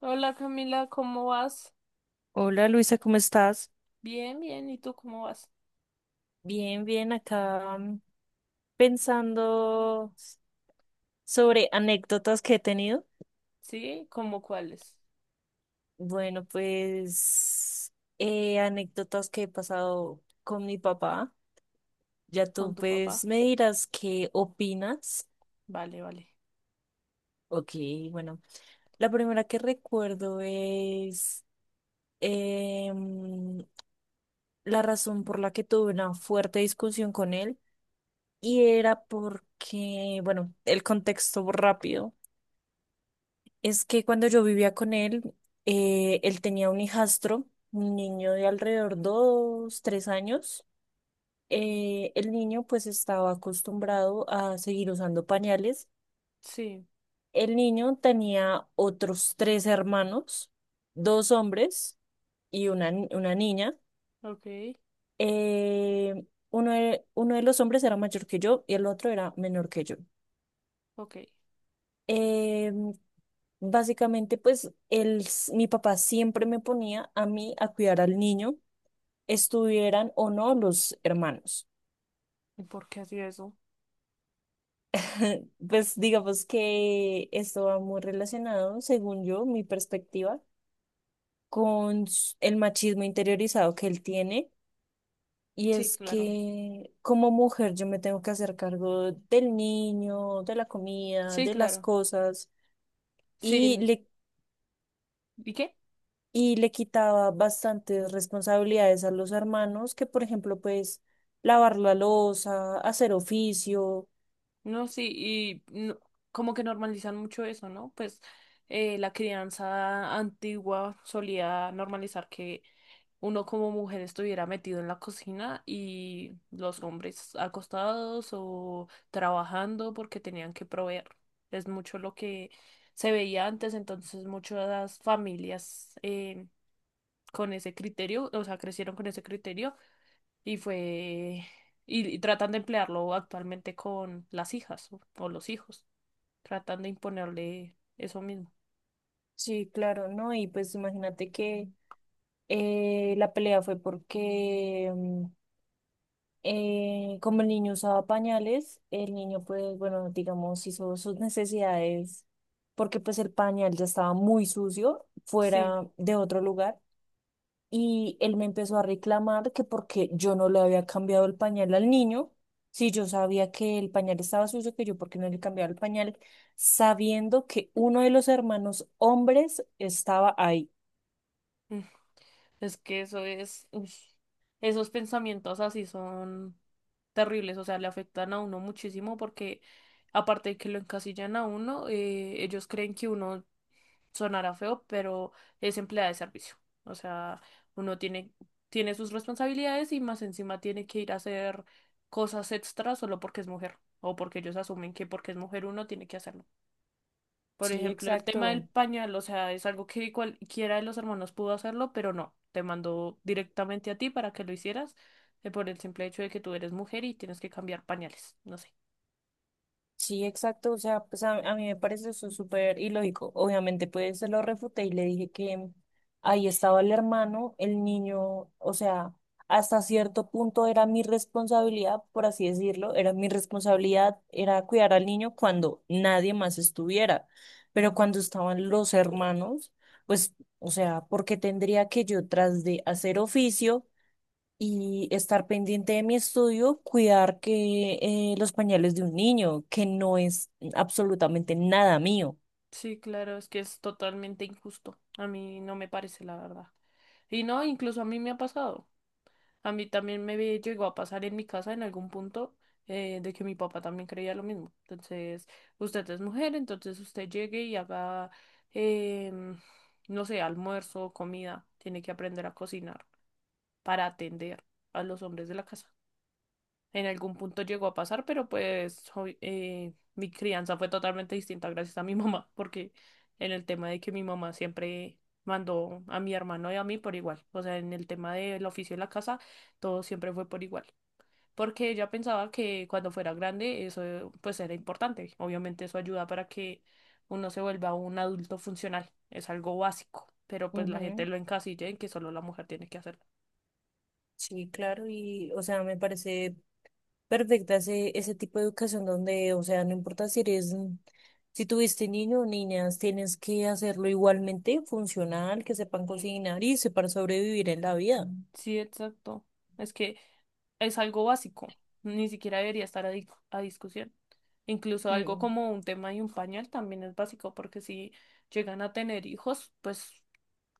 Hola Camila, ¿cómo vas? Hola Luisa, ¿cómo estás? Bien, bien. ¿Y tú cómo vas? Bien, bien, acá pensando sobre anécdotas que he tenido. Sí, ¿cómo cuáles? Bueno, pues anécdotas que he pasado con mi papá. Ya ¿Con tú tu papá? pues me dirás qué opinas. Vale, vale. Ok, bueno, la primera que recuerdo es em, la razón por la que tuve una fuerte discusión con él y era porque, bueno, el contexto rápido. Es que cuando yo vivía con él, él tenía un hijastro, un niño de alrededor dos, tres años. El niño pues estaba acostumbrado a seguir usando pañales. Sí, El niño tenía otros tres hermanos, dos hombres y una, una niña. ok, Uno de los hombres era mayor que yo y el otro era menor que yo. ok. Eh, básicamente, pues mi papá siempre me ponía a mí a cuidar al niño, estuvieran o no los hermanos. ¿Y por qué hacía eso? Pues digamos que esto va muy relacionado, según yo, mi perspectiva, con el machismo interiorizado que él tiene. Y Sí, es claro. que como mujer yo me tengo que hacer cargo del niño, de la comida, Sí, de las claro. cosas. Y Sí. le ¿Y qué? y le quitaba bastantes responsabilidades a los hermanos, que por ejemplo, pues lavar la loza, hacer oficio, No, sí, como que normalizan mucho eso, ¿no? Pues la crianza antigua solía normalizar que uno como mujer estuviera metido en la cocina y los hombres acostados o trabajando porque tenían que proveer. Es mucho lo que se veía antes, entonces muchas familias con ese criterio, o sea, crecieron con ese criterio y fue, y tratan de emplearlo actualmente con las hijas o los hijos, tratan de imponerle eso mismo. sí, claro, ¿no? Y pues imagínate que la pelea fue porque como el niño usaba pañales, el niño pues, bueno, digamos, hizo sus necesidades porque pues el pañal ya estaba muy sucio Sí. fuera de otro lugar. Y él me empezó a reclamar que porque yo no le había cambiado el pañal al niño, si yo sabía que el pañal estaba sucio, que yo porque no le cambiaba el pañal, sabiendo que uno de los hermanos hombres estaba ahí. Mm. Es que eso es, uy, esos pensamientos así son terribles, o sea, le afectan a uno muchísimo porque aparte de que lo encasillan a uno, ellos creen que uno sonará feo, pero es empleada de servicio. O sea, uno tiene, tiene sus responsabilidades y más encima tiene que ir a hacer cosas extras solo porque es mujer o porque ellos asumen que porque es mujer uno tiene que hacerlo. Por Sí, ejemplo, el tema del exacto. pañal, o sea, es algo que cualquiera de los hermanos pudo hacerlo, pero no, te mandó directamente a ti para que lo hicieras, por el simple hecho de que tú eres mujer y tienes que cambiar pañales, no sé. Sí, exacto. O sea, pues a mí me parece eso súper ilógico. Obviamente, pues se lo refuté y le dije que ahí estaba el hermano, el niño, o sea, hasta cierto punto era mi responsabilidad, por así decirlo, era mi responsabilidad, era cuidar al niño cuando nadie más estuviera. Pero cuando estaban los hermanos, pues, o sea, ¿por qué tendría que yo, tras de hacer oficio, y estar pendiente de mi estudio, cuidar que los pañales de un niño, que no es absolutamente nada mío? Sí, claro, es que es totalmente injusto. A mí no me parece, la verdad. Y no, incluso a mí me ha pasado. A mí también llegó a pasar en mi casa en algún punto de que mi papá también creía lo mismo. Entonces, usted es mujer, entonces usted llegue y haga, em, no sé, almuerzo, comida. Tiene que aprender a cocinar para atender a los hombres de la casa. En algún punto llegó a pasar, pero pues hoy, mi crianza fue totalmente distinta gracias a mi mamá, porque en el tema de que mi mamá siempre mandó a mi hermano y a mí por igual, o sea, en el tema del oficio de la casa, todo siempre fue por igual, porque ella pensaba que cuando fuera grande eso pues era importante, obviamente eso ayuda para que uno se vuelva un adulto funcional, es algo básico, pero pues la gente Ujú, lo encasilla en que solo la mujer tiene que hacer. sí, claro, y, o sea, me parece perfecta ese, ese tipo de educación donde, o sea, no importa si eres, si tuviste niño o niñas, tienes que hacerlo igualmente funcional, que sepan cocinar y sepan sobrevivir en la vida. Sí, exacto. Es que es algo básico. Ni siquiera debería a discusión. Incluso algo Mm, como un tema y un pañal también es básico, porque si llegan a tener hijos, pues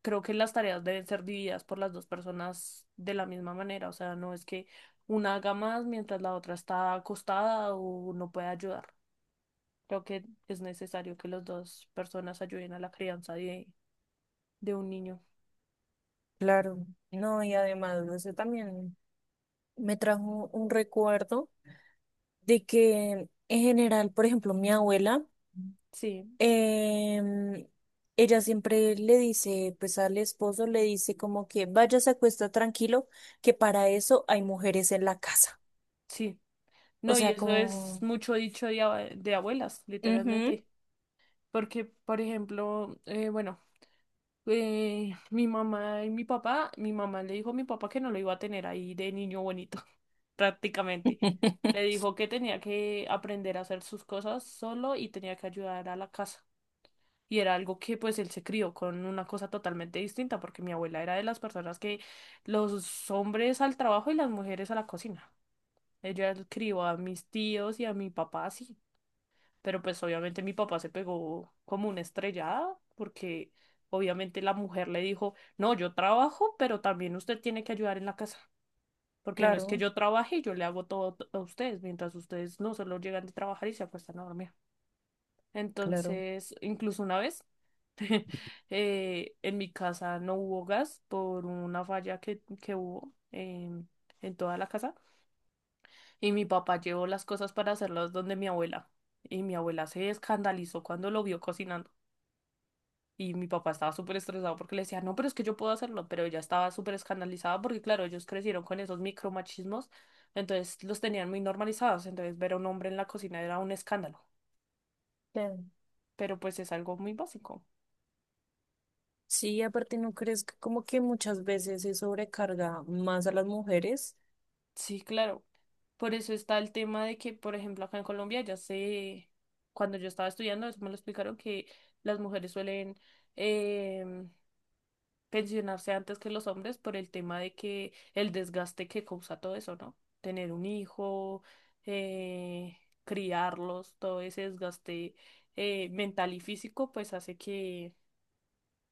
creo que las tareas deben ser divididas por las dos personas de la misma manera. O sea, no es que una haga más mientras la otra está acostada o no puede ayudar. Creo que es necesario que las dos personas ayuden a la crianza de un niño. claro. No, y además, eso también me trajo un recuerdo de que en general, por ejemplo, mi abuela, Sí, em, ella siempre le dice, pues al esposo le dice como que vaya, se acuesta tranquilo, que para eso hay mujeres en la casa. sí. O No, y sea, eso es como... mucho dicho de abuelas, ujú, literalmente. Porque, por ejemplo, bueno, mi mamá y mi papá, mi mamá le dijo a mi papá que no lo iba a tener ahí de niño bonito, prácticamente. Le dijo que tenía que aprender a hacer sus cosas solo y tenía que ayudar a la casa. Y era algo que pues él se crió con una cosa totalmente distinta, porque mi abuela era de las personas que los hombres al trabajo y las mujeres a la cocina. Ella crió a mis tíos y a mi papá así. Pero pues obviamente mi papá se pegó como una estrellada porque obviamente la mujer le dijo, no, yo trabajo, pero también usted tiene que ayudar en la casa, porque no es que claro, yo trabaje y yo le hago todo a ustedes, mientras ustedes no solo llegan de trabajar y se acuestan a dormir. claro, Entonces, incluso una vez, en mi casa no hubo gas por una falla que hubo en toda la casa y mi papá llevó las cosas para hacerlas donde mi abuela. Y mi abuela se escandalizó cuando lo vio cocinando. Y mi papá estaba súper estresado porque le decía, no, pero es que yo puedo hacerlo, pero ella estaba súper escandalizada porque, claro, ellos crecieron con esos micromachismos, entonces los tenían muy normalizados, entonces ver a un hombre en la cocina era un escándalo, claro. pero pues es algo muy básico. Sí, aparte no crees que como que muchas veces se sobrecarga más a las mujeres Sí, claro. Por eso está el tema de que, por ejemplo, acá en Colombia ya sé, cuando yo estaba estudiando, eso me lo explicaron, que las mujeres suelen, em, pensionarse antes que los hombres por el tema de que el desgaste que causa todo eso, ¿no? Tener un hijo, eh, criarlos, todo ese desgaste mental y físico, pues hace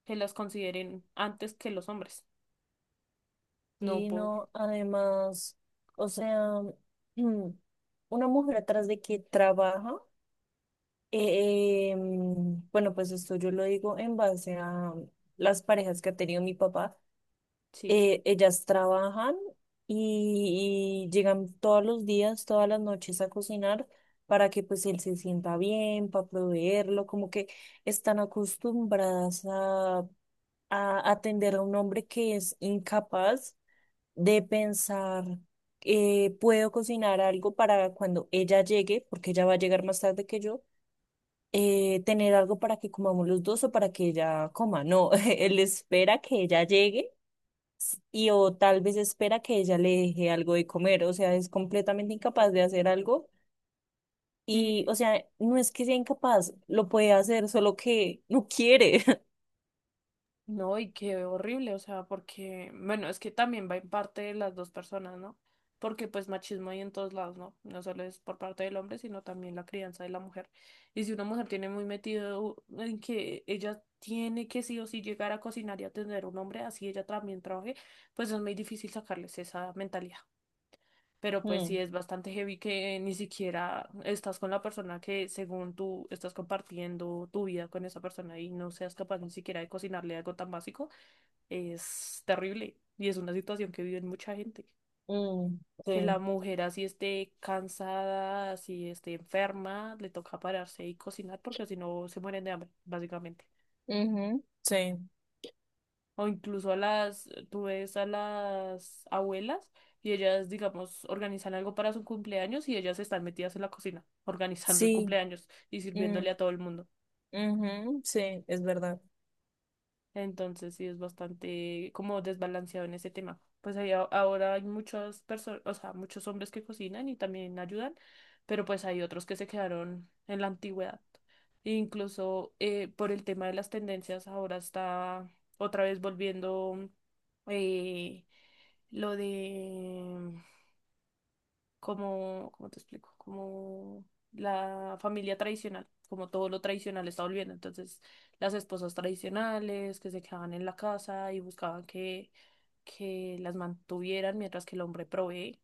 que las consideren antes que los hombres, no y por, no, además, o sea, mm, una mujer atrás de que trabaja. Bueno, pues esto yo lo digo en base a las parejas que ha tenido mi papá. sí. Ellas trabajan y llegan todos los días, todas las noches a cocinar para que pues él se sienta bien, para proveerlo, como que están acostumbradas a atender a un hombre que es incapaz de pensar, puedo cocinar algo para cuando ella llegue, porque ella va a llegar más tarde que yo, tener algo para que comamos los dos o para que ella coma. No, él espera que ella llegue y o tal vez espera que ella le deje algo de comer. O sea, es completamente incapaz de hacer algo. Y, Sí, o sea, no es que sea incapaz, lo puede hacer, solo que no quiere. no, y qué horrible, o sea, porque, bueno, es que también va en parte de las dos personas, ¿no? Porque pues machismo hay en todos lados, ¿no? No solo es por parte del hombre, sino también la crianza de la mujer. Y si una mujer tiene muy metido en que ella tiene que sí o sí llegar a cocinar y atender a un hombre, así ella también trabaje, pues es muy difícil sacarles esa mentalidad. Pero pues sí Mm, es bastante heavy que ni siquiera estás con la persona que según tú estás compartiendo tu vida con esa persona y no seas capaz ni siquiera de cocinarle algo tan básico, es terrible y es una situación que vive mucha gente. mm, Que la sí, mujer así esté cansada, así esté enferma, le toca pararse y cocinar porque si no se mueren de hambre, básicamente. ujú, sí, O incluso tú ves a las abuelas y ellas, digamos, organizan algo para su cumpleaños y ellas están metidas en la cocina, organizando el sí, cumpleaños y mm, sirviéndole a todo el mundo. ujú, sí, es verdad. Entonces sí es bastante como desbalanceado en ese tema. Pues ahora hay muchas personas, o sea, muchos hombres que cocinan y también ayudan, pero pues hay otros que se quedaron en la antigüedad. E incluso por el tema de las tendencias, ahora está otra vez volviendo eh, lo de como, ¿cómo te explico? Como la familia tradicional, como todo lo tradicional está volviendo. Entonces, las esposas tradicionales que se quedaban en la casa y buscaban que las mantuvieran mientras que el hombre provee,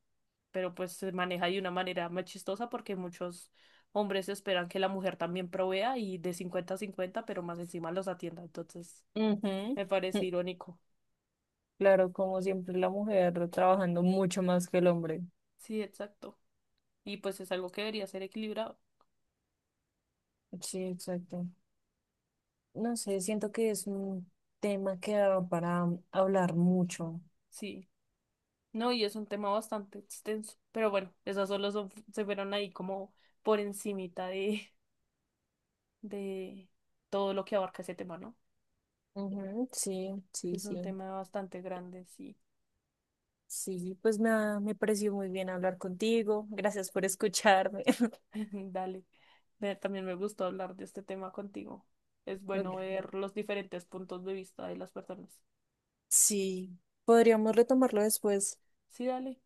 pero pues se maneja de una manera más chistosa porque muchos hombres esperan que la mujer también provea y de 50 a 50, pero más encima los atienda. Entonces, Ujú, me parece mm, irónico. claro, como siempre la mujer trabajando mucho más que el hombre. Sí, exacto. Y pues es algo que debería ser equilibrado. Sí, exacto. No sé, siento que es un tema que da para hablar mucho. Sí. No, y es un tema bastante extenso. Pero bueno, esas solo son- se fueron ahí como por encimita de todo lo que abarca ese tema, ¿no? Ujú, sí, sí, Es sí. un tema bastante grande, sí. Sí, pues me pareció muy bien hablar contigo. Gracias por escucharme. Dale. Ve, también me gustó hablar de este tema contigo. Es Ok. bueno ver los diferentes puntos de vista de las personas. Sí, podríamos retomarlo después. Sí, dale.